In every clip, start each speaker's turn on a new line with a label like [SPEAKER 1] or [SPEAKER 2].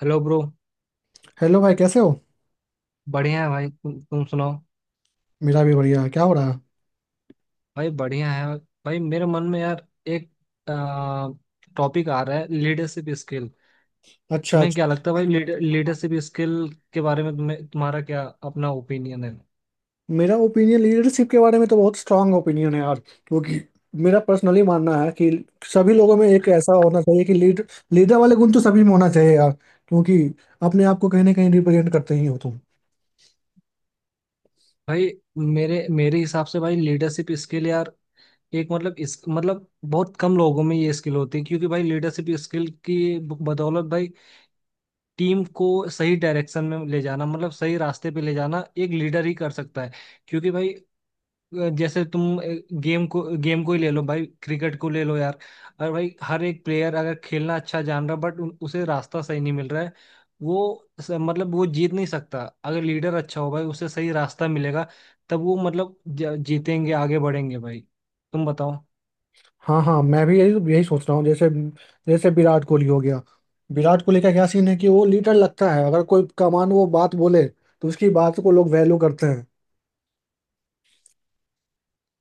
[SPEAKER 1] Hello bro.
[SPEAKER 2] Hello भाई, कैसे हो?
[SPEAKER 1] बढ़िया है भाई। तुम सुनाओ।
[SPEAKER 2] मेरा भी बढ़िया है। क्या हो रहा है?
[SPEAKER 1] भाई बढ़िया है। भाई मेरे मन में यार एक टॉपिक आ रहा है, लीडरशिप स्किल।
[SPEAKER 2] अच्छा अच्छा।
[SPEAKER 1] तुम्हें क्या लगता है भाई? लीडरशिप स्किल के बारे में तुम्हें, तुम्हारा क्या अपना ओपिनियन है?
[SPEAKER 2] मेरा ओपिनियन, लीडरशिप के बारे में तो बहुत स्ट्रांग ओपिनियन है यार। क्योंकि मेरा पर्सनली मानना है कि सभी लोगों में एक ऐसा होना चाहिए कि लीडर वाले गुण तो सभी में होना चाहिए यार। क्योंकि अपने आप को कहीं ना कहीं रिप्रेजेंट करते ही हो तुम।
[SPEAKER 1] भाई मेरे मेरे हिसाब से भाई लीडरशिप स्किल यार, एक मतलब इस मतलब बहुत कम लोगों में ये स्किल होती है, क्योंकि भाई लीडरशिप स्किल की बदौलत भाई टीम को सही डायरेक्शन में ले जाना मतलब सही रास्ते पे ले जाना एक लीडर ही कर सकता है। क्योंकि भाई जैसे तुम गेम को ही ले लो भाई, क्रिकेट को ले लो यार। और भाई हर एक प्लेयर अगर खेलना अच्छा जान रहा बट उसे रास्ता सही नहीं मिल रहा है, वो मतलब वो जीत नहीं सकता। अगर लीडर अच्छा हो भाई उसे सही रास्ता मिलेगा, तब वो मतलब जीतेंगे, आगे बढ़ेंगे भाई। तुम बताओ।
[SPEAKER 2] हाँ हाँ, मैं भी यही यही सोच रहा हूँ। जैसे जैसे विराट कोहली हो गया। विराट कोहली का क्या सीन है कि वो लीडर लगता है, अगर कोई कमान वो बात बोले तो उसकी बात को लोग वैल्यू करते हैं।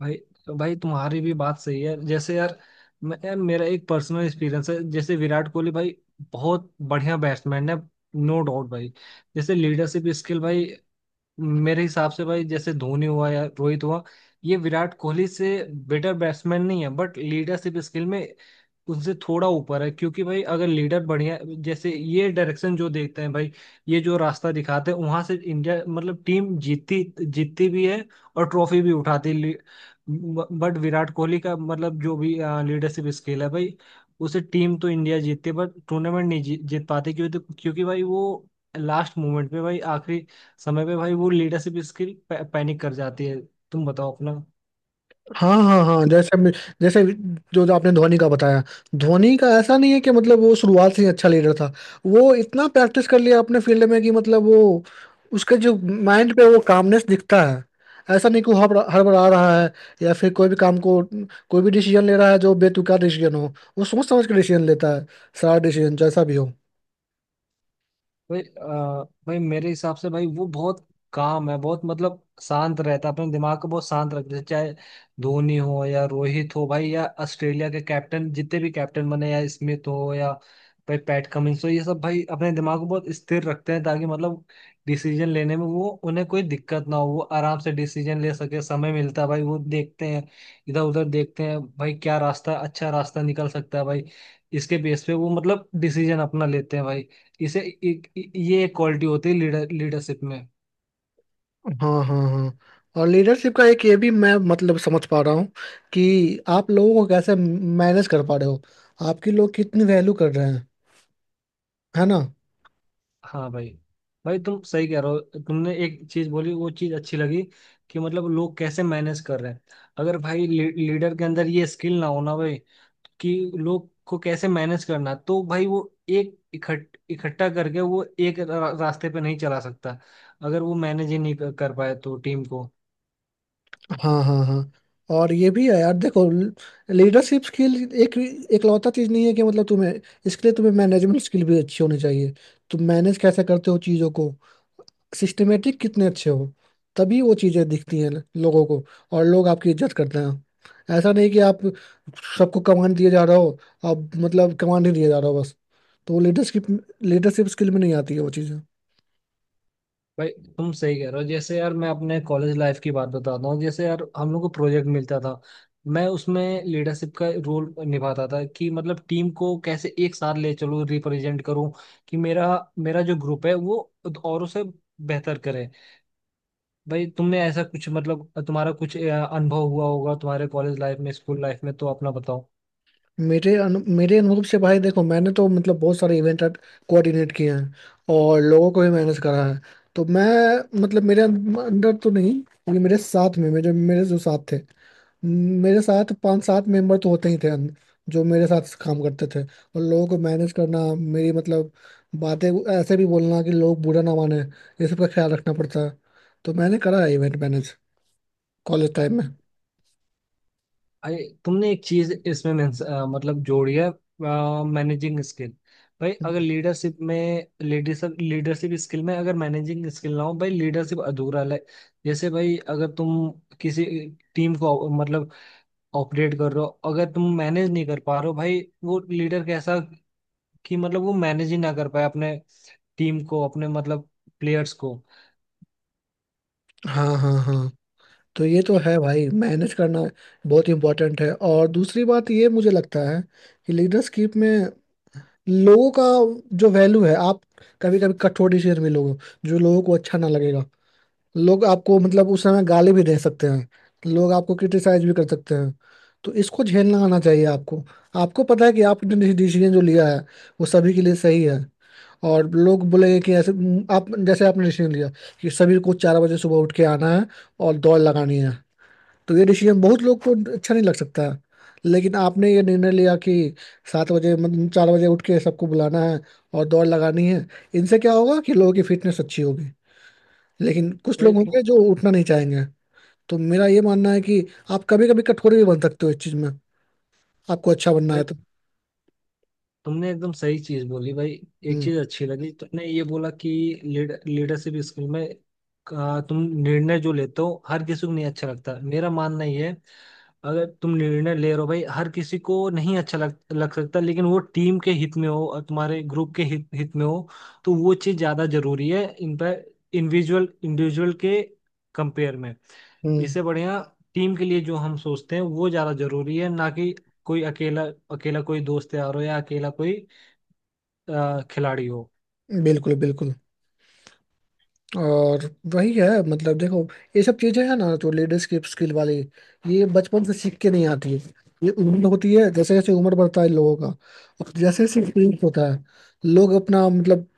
[SPEAKER 1] भाई तो भाई तुम्हारी भी बात सही है। जैसे यार मैं यार, मेरा एक पर्सनल एक्सपीरियंस है, जैसे विराट कोहली भाई बहुत बढ़िया बैट्समैन है, नो डाउट भाई। जैसे लीडरशिप स्किल भाई मेरे हिसाब से भाई, जैसे धोनी हुआ या रोहित हुआ, ये विराट कोहली से बेटर बैट्समैन नहीं है बट लीडरशिप स्किल में उनसे थोड़ा ऊपर है। क्योंकि भाई अगर लीडर बढ़िया, जैसे ये डायरेक्शन जो देखते हैं भाई, ये जो रास्ता दिखाते हैं, वहां से इंडिया मतलब टीम जीतती जीतती भी है और ट्रॉफी भी उठाती है। बट विराट कोहली का मतलब जो भी लीडरशिप स्किल है भाई, उसे टीम तो इंडिया जीतती है बट टूर्नामेंट नहीं जीत पाती, क्योंकि भाई वो लास्ट मोमेंट पे भाई, आखिरी समय पे भाई वो लीडरशिप स्किल पैनिक कर जाती है। तुम बताओ अपना।
[SPEAKER 2] हाँ हाँ हाँ। जैसे जो जो आपने धोनी का बताया। धोनी का ऐसा नहीं है कि मतलब वो शुरुआत से ही अच्छा लीडर था। वो इतना प्रैक्टिस कर लिया अपने फील्ड में कि मतलब वो, उसके जो माइंड पे वो कामनेस दिखता है। ऐसा नहीं कि वो हड़बड़ा रहा है या फिर कोई भी काम को, कोई भी डिसीजन ले रहा है जो बेतुका डिसीजन हो, वो सोच समझ के डिसीजन लेता है। सारा डिसीजन जैसा भी हो।
[SPEAKER 1] भाई भाई मेरे हिसाब से भाई वो बहुत काम है, बहुत मतलब शांत रहता है, अपने दिमाग को बहुत शांत रखते हैं, चाहे धोनी हो या रोहित हो भाई, या ऑस्ट्रेलिया के कैप्टन, जितने भी कैप्टन बने, या स्मिथ हो या भाई पैट कमिंस हो, ये सब भाई अपने दिमाग को बहुत स्थिर रखते हैं ताकि मतलब डिसीजन लेने में वो, उन्हें कोई दिक्कत ना हो, वो आराम से डिसीजन ले सके। समय मिलता है भाई, वो देखते हैं, इधर उधर देखते हैं भाई, क्या रास्ता, अच्छा रास्ता निकल सकता है भाई, इसके बेस पे वो मतलब डिसीजन अपना लेते हैं भाई। इसे एक- ये एक क्वालिटी होती है लीडर लीडरशिप में।
[SPEAKER 2] हाँ हाँ हाँ। और लीडरशिप का एक ये भी मैं मतलब समझ पा रहा हूँ, कि आप लोगों को कैसे मैनेज कर पा रहे हो, आपकी लोग कितनी वैल्यू कर रहे हैं, है ना?
[SPEAKER 1] हाँ भाई। भाई तुम सही कह रहे हो। तुमने एक चीज बोली, वो चीज अच्छी लगी, कि मतलब लोग कैसे मैनेज कर रहे हैं। अगर भाई लीडर के अंदर ये स्किल ना हो ना भाई, कि लोग को कैसे मैनेज करना है, तो भाई वो एक इकट्ठा करके वो एक रास्ते पे नहीं चला सकता। अगर वो मैनेज ही नहीं कर पाए तो टीम को।
[SPEAKER 2] हाँ हाँ हाँ। और ये भी है यार, देखो, लीडरशिप स्किल एक एकलौता चीज नहीं है कि मतलब तुम्हें, इसके लिए तुम्हें मैनेजमेंट स्किल भी अच्छी होनी चाहिए। तुम मैनेज कैसे करते हो चीजों को, सिस्टमेटिक कितने अच्छे हो, तभी वो चीज़ें दिखती हैं लोगों को। और लोग आपकी इज्जत करते हैं, ऐसा नहीं कि आप सबको कमांड दिए जा रहे हो, आप मतलब कमांड ही दिए जा रहे हो बस, तो वो लीडरशिप, लीडरशिप स्किल में नहीं आती है वो चीज़ें।
[SPEAKER 1] भाई तुम सही कह रहे हो। जैसे यार मैं अपने कॉलेज लाइफ की बात बताता हूँ। जैसे यार हम लोग को प्रोजेक्ट मिलता था, मैं उसमें लीडरशिप का रोल निभाता था, कि मतलब टीम को कैसे एक साथ ले चलूँ, रिप्रेजेंट करूँ, कि मेरा मेरा जो ग्रुप है वो औरों से बेहतर करे। भाई तुमने ऐसा कुछ मतलब, तुम्हारा कुछ अनुभव हुआ होगा तुम्हारे कॉलेज लाइफ में, स्कूल लाइफ में, तो अपना बताओ।
[SPEAKER 2] मेरे अनुभव से भाई देखो, मैंने तो मतलब बहुत सारे इवेंट कोऑर्डिनेट किए हैं और लोगों को भी मैनेज करा है। तो मैं मतलब, मेरे अंदर तो नहीं, ये मेरे साथ में मेरे मेरे जो साथ थे, मेरे साथ पांच सात मेंबर तो होते ही थे, जो मेरे साथ काम करते थे, और लोगों को मैनेज करना, मेरी मतलब बातें ऐसे भी बोलना कि लोग बुरा ना माने, ये सब का ख्याल रखना पड़ता है। तो मैंने करा है इवेंट मैनेज, कॉलेज टाइम में।
[SPEAKER 1] अरे तुमने एक चीज इसमें मतलब जोड़ी है, मैनेजिंग स्किल। भाई अगर लीडरशिप में लीडरशिप लीडरशिप स्किल में अगर मैनेजिंग स्किल ना हो भाई, लीडरशिप अधूरा है। जैसे भाई अगर तुम किसी टीम को मतलब ऑपरेट कर रहे हो, अगर तुम मैनेज नहीं कर पा रहे हो भाई, वो लीडर कैसा? कि मतलब वो मैनेज ही ना कर पाए अपने टीम को, अपने मतलब प्लेयर्स को।
[SPEAKER 2] हाँ हाँ हाँ, तो ये तो है भाई, मैनेज करना बहुत इम्पोर्टेंट है। और दूसरी बात ये मुझे लगता है कि लीडरशिप में लोगों का जो वैल्यू है, आप कभी कभी कठोर डिसीजन भी लोगे जो लोगों को अच्छा ना लगेगा। लोग आपको मतलब उस समय गाली भी दे सकते हैं, लोग आपको क्रिटिसाइज भी कर सकते हैं, तो इसको झेलना आना चाहिए आपको। आपको पता है कि आपने डिसीजन जो लिया है वो सभी के लिए सही है। और लोग बोलेंगे कि आप जैसे आपने डिसीजन लिया कि सभी को 4 बजे सुबह उठ के आना है और दौड़ लगानी है। तो ये डिसीजन बहुत लोग को अच्छा नहीं लग सकता है, लेकिन आपने ये निर्णय लिया कि 7 बजे मतलब 4 बजे उठ के सबको बुलाना है और दौड़ लगानी है। इनसे क्या होगा कि लोगों की फिटनेस अच्छी होगी, लेकिन कुछ
[SPEAKER 1] भाई।
[SPEAKER 2] लोग होंगे जो उठना नहीं चाहेंगे। तो मेरा ये मानना है कि आप कभी कभी कठोर भी बन सकते हो इस चीज में, आपको अच्छा बनना
[SPEAKER 1] भाई
[SPEAKER 2] है तो।
[SPEAKER 1] तुमने एकदम सही चीज बोली भाई। एक
[SPEAKER 2] हम्म।
[SPEAKER 1] चीज अच्छी लगी, तुमने ये बोला कि लीडरशिप स्किल में का तुम निर्णय जो लेते हो, हर किसी को नहीं अच्छा लगता। मेरा मानना ये है, अगर तुम निर्णय ले रहे हो भाई, हर किसी को नहीं अच्छा लग लग सकता, लेकिन वो टीम के हित में हो और तुम्हारे ग्रुप के हित हित में हो, तो वो चीज ज्यादा जरूरी है, इन पर, इंडिविजुअल इंडिविजुअल के कंपेयर में।
[SPEAKER 2] हम्म,
[SPEAKER 1] इससे बढ़िया टीम के लिए जो हम सोचते हैं वो ज्यादा जरूरी है, ना कि कोई अकेला, कोई दोस्त यार हो, या अकेला कोई खिलाड़ी हो।
[SPEAKER 2] बिल्कुल बिल्कुल। और वही है मतलब, देखो, ये सब चीजें हैं ना जो लीडरशिप स्किल वाली, ये बचपन से सीख के नहीं आती है। ये उम्र होती है, जैसे जैसे उम्र बढ़ता है लोगों का, और जैसे जैसे एक्सपीरियंस होता है, लोग अपना मतलब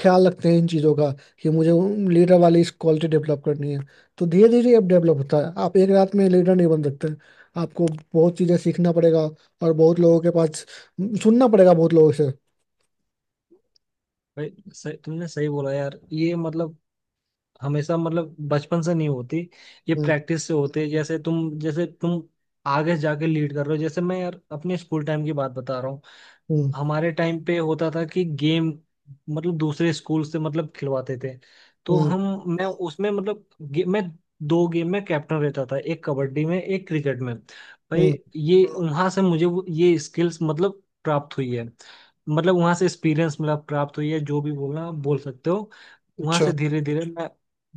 [SPEAKER 2] ख्याल रखते हैं इन चीज़ों का, कि मुझे लीडर वाली इस क्वालिटी डेवलप करनी है। तो धीरे धीरे आप डेवलप होता है, आप एक रात में लीडर नहीं बन सकते, आपको बहुत चीज़ें सीखना पड़ेगा और बहुत लोगों के पास सुनना पड़ेगा, बहुत लोगों से।
[SPEAKER 1] भाई तुमने सही बोला यार। ये मतलब हमेशा मतलब बचपन से नहीं होती, ये
[SPEAKER 2] हम्म
[SPEAKER 1] प्रैक्टिस से होती है। जैसे तुम आगे जाके लीड कर रहे हो। जैसे मैं यार अपने स्कूल टाइम की बात बता रहा हूँ।
[SPEAKER 2] हम्म
[SPEAKER 1] हमारे टाइम पे होता था कि गेम मतलब दूसरे स्कूल से मतलब खिलवाते थे, तो
[SPEAKER 2] हम्म
[SPEAKER 1] हम, मैं उसमें मतलब मैं दो गेम में कैप्टन रहता था, एक कबड्डी में, एक क्रिकेट में भाई।
[SPEAKER 2] हम्म,
[SPEAKER 1] ये वहां से मुझे ये स्किल्स मतलब प्राप्त हुई है, मतलब वहां से एक्सपीरियंस मिला, प्राप्त हुई है, जो भी बोलना आप बोल सकते हो। वहां
[SPEAKER 2] अच्छा।
[SPEAKER 1] से धीरे धीरे मैं,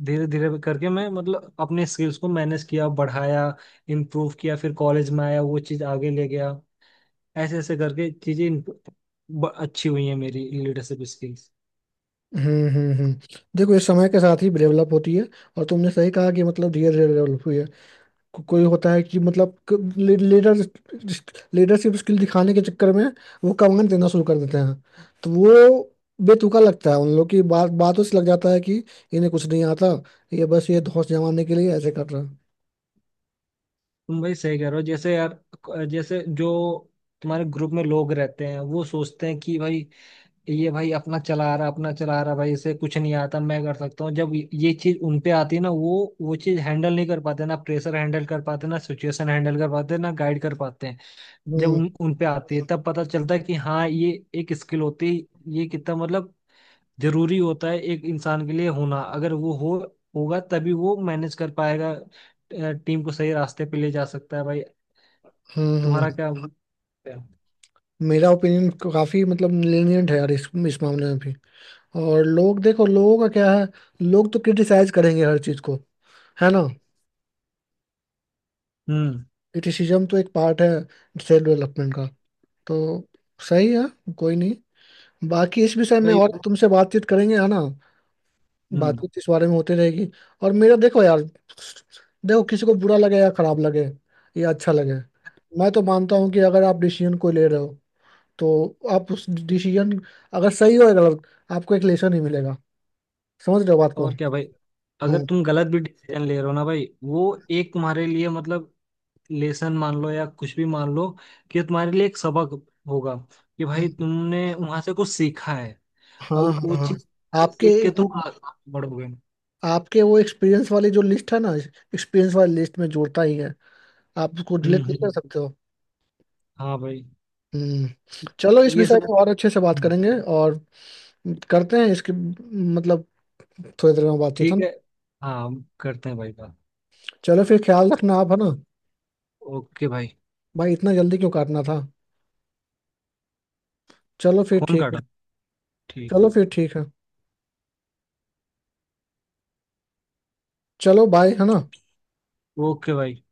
[SPEAKER 1] धीरे धीरे करके मैं मतलब अपने स्किल्स को मैनेज किया, बढ़ाया, इम्प्रूव किया। फिर कॉलेज में आया, वो चीज़ आगे ले गया। ऐसे ऐसे करके चीजें अच्छी हुई है, मेरी लीडरशिप स्किल्स।
[SPEAKER 2] हम्म, देखो ये समय के साथ ही डेवलप होती है। और तुमने सही कहा कि मतलब धीरे धीरे डेवलप हुई है। कोई होता है कि मतलब, लीडर लीडरशिप स्किल दिखाने के चक्कर में वो कमांड देना शुरू कर देते हैं। तो वो बेतुका लगता है, उन लोग की बातों से लग जाता है कि इन्हें कुछ नहीं आता, ये बस ये धौंस जमाने के लिए ऐसे कर रहा है।
[SPEAKER 1] तुम भाई सही कह रहे हो। जैसे यार, जैसे जो तुम्हारे ग्रुप में लोग रहते हैं, वो सोचते हैं कि भाई ये भाई अपना चला रहा भाई, इसे कुछ नहीं आता, मैं कर सकता हूँ। जब ये चीज उन पे आती है ना, वो चीज हैंडल नहीं कर पाते, ना प्रेशर हैंडल कर पाते, ना सिचुएशन हैंडल कर पाते, ना गाइड कर पाते हैं। जब
[SPEAKER 2] हम्म
[SPEAKER 1] उन उन पे आती है, तब पता चलता है कि हाँ ये एक स्किल होती है, ये कितना मतलब जरूरी होता है एक इंसान के लिए होना। अगर वो हो, होगा तभी वो मैनेज कर पाएगा, टीम को सही रास्ते पे ले जा सकता है भाई।
[SPEAKER 2] हम्म
[SPEAKER 1] तुम्हारा
[SPEAKER 2] हम्म।
[SPEAKER 1] क्या?
[SPEAKER 2] मेरा ओपिनियन काफी मतलब lenient है यार, इस मामले में भी। और लोग, देखो लोगों का क्या है, लोग तो क्रिटिसाइज करेंगे हर चीज को, है ना?
[SPEAKER 1] हम्म।
[SPEAKER 2] क्रिटिसिज्म तो एक पार्ट है सेल्फ डेवलपमेंट का। तो सही है, कोई नहीं, बाकी इस विषय में
[SPEAKER 1] भाई
[SPEAKER 2] और तुमसे बातचीत करेंगे, है ना?
[SPEAKER 1] हम्म।
[SPEAKER 2] बातचीत इस बारे में होती रहेगी। और मेरा, देखो यार, देखो, किसी को बुरा लगे या खराब लगे या अच्छा लगे, मैं तो मानता हूँ कि अगर आप डिसीजन कोई ले रहे हो, तो आप उस डिसीजन अगर सही हो या गलत, आपको एक लेसन ही मिलेगा। समझ रहे हो बात को?
[SPEAKER 1] और क्या भाई। अगर
[SPEAKER 2] हम्म
[SPEAKER 1] तुम गलत भी डिसीजन ले रहे हो ना भाई, वो एक तुम्हारे लिए मतलब लेसन मान लो या कुछ भी मान लो, कि ये तुम्हारे लिए एक सबक होगा, कि भाई
[SPEAKER 2] हम्म,
[SPEAKER 1] तुमने वहां से कुछ सीखा है। और
[SPEAKER 2] हाँ
[SPEAKER 1] वो
[SPEAKER 2] हाँ हाँ।
[SPEAKER 1] चीज
[SPEAKER 2] आपके
[SPEAKER 1] सीख के तुम
[SPEAKER 2] वो
[SPEAKER 1] आगे बढ़ोगे।
[SPEAKER 2] आपके वो एक्सपीरियंस वाली जो लिस्ट है ना, एक्सपीरियंस वाली लिस्ट में जोड़ता ही है, आप उसको
[SPEAKER 1] हम्म।
[SPEAKER 2] डिलीट नहीं कर
[SPEAKER 1] हम्म।
[SPEAKER 2] सकते हो।
[SPEAKER 1] हाँ भाई।
[SPEAKER 2] हम्म। चलो इस
[SPEAKER 1] ये
[SPEAKER 2] विषय
[SPEAKER 1] सब।
[SPEAKER 2] पर और अच्छे से बात करेंगे, और करते हैं इसके मतलब थोड़ी देर में बातचीत, है
[SPEAKER 1] ठीक
[SPEAKER 2] ना?
[SPEAKER 1] है। हाँ हम करते हैं भाई बात।
[SPEAKER 2] चलो फिर, ख्याल रखना आप, है ना?
[SPEAKER 1] ओके भाई।
[SPEAKER 2] भाई इतना जल्दी क्यों काटना था? चलो फिर
[SPEAKER 1] फोन
[SPEAKER 2] ठीक है,
[SPEAKER 1] काटा। ठीक।
[SPEAKER 2] चलो फिर ठीक है, चलो बाय, है ना?
[SPEAKER 1] ओके भाई।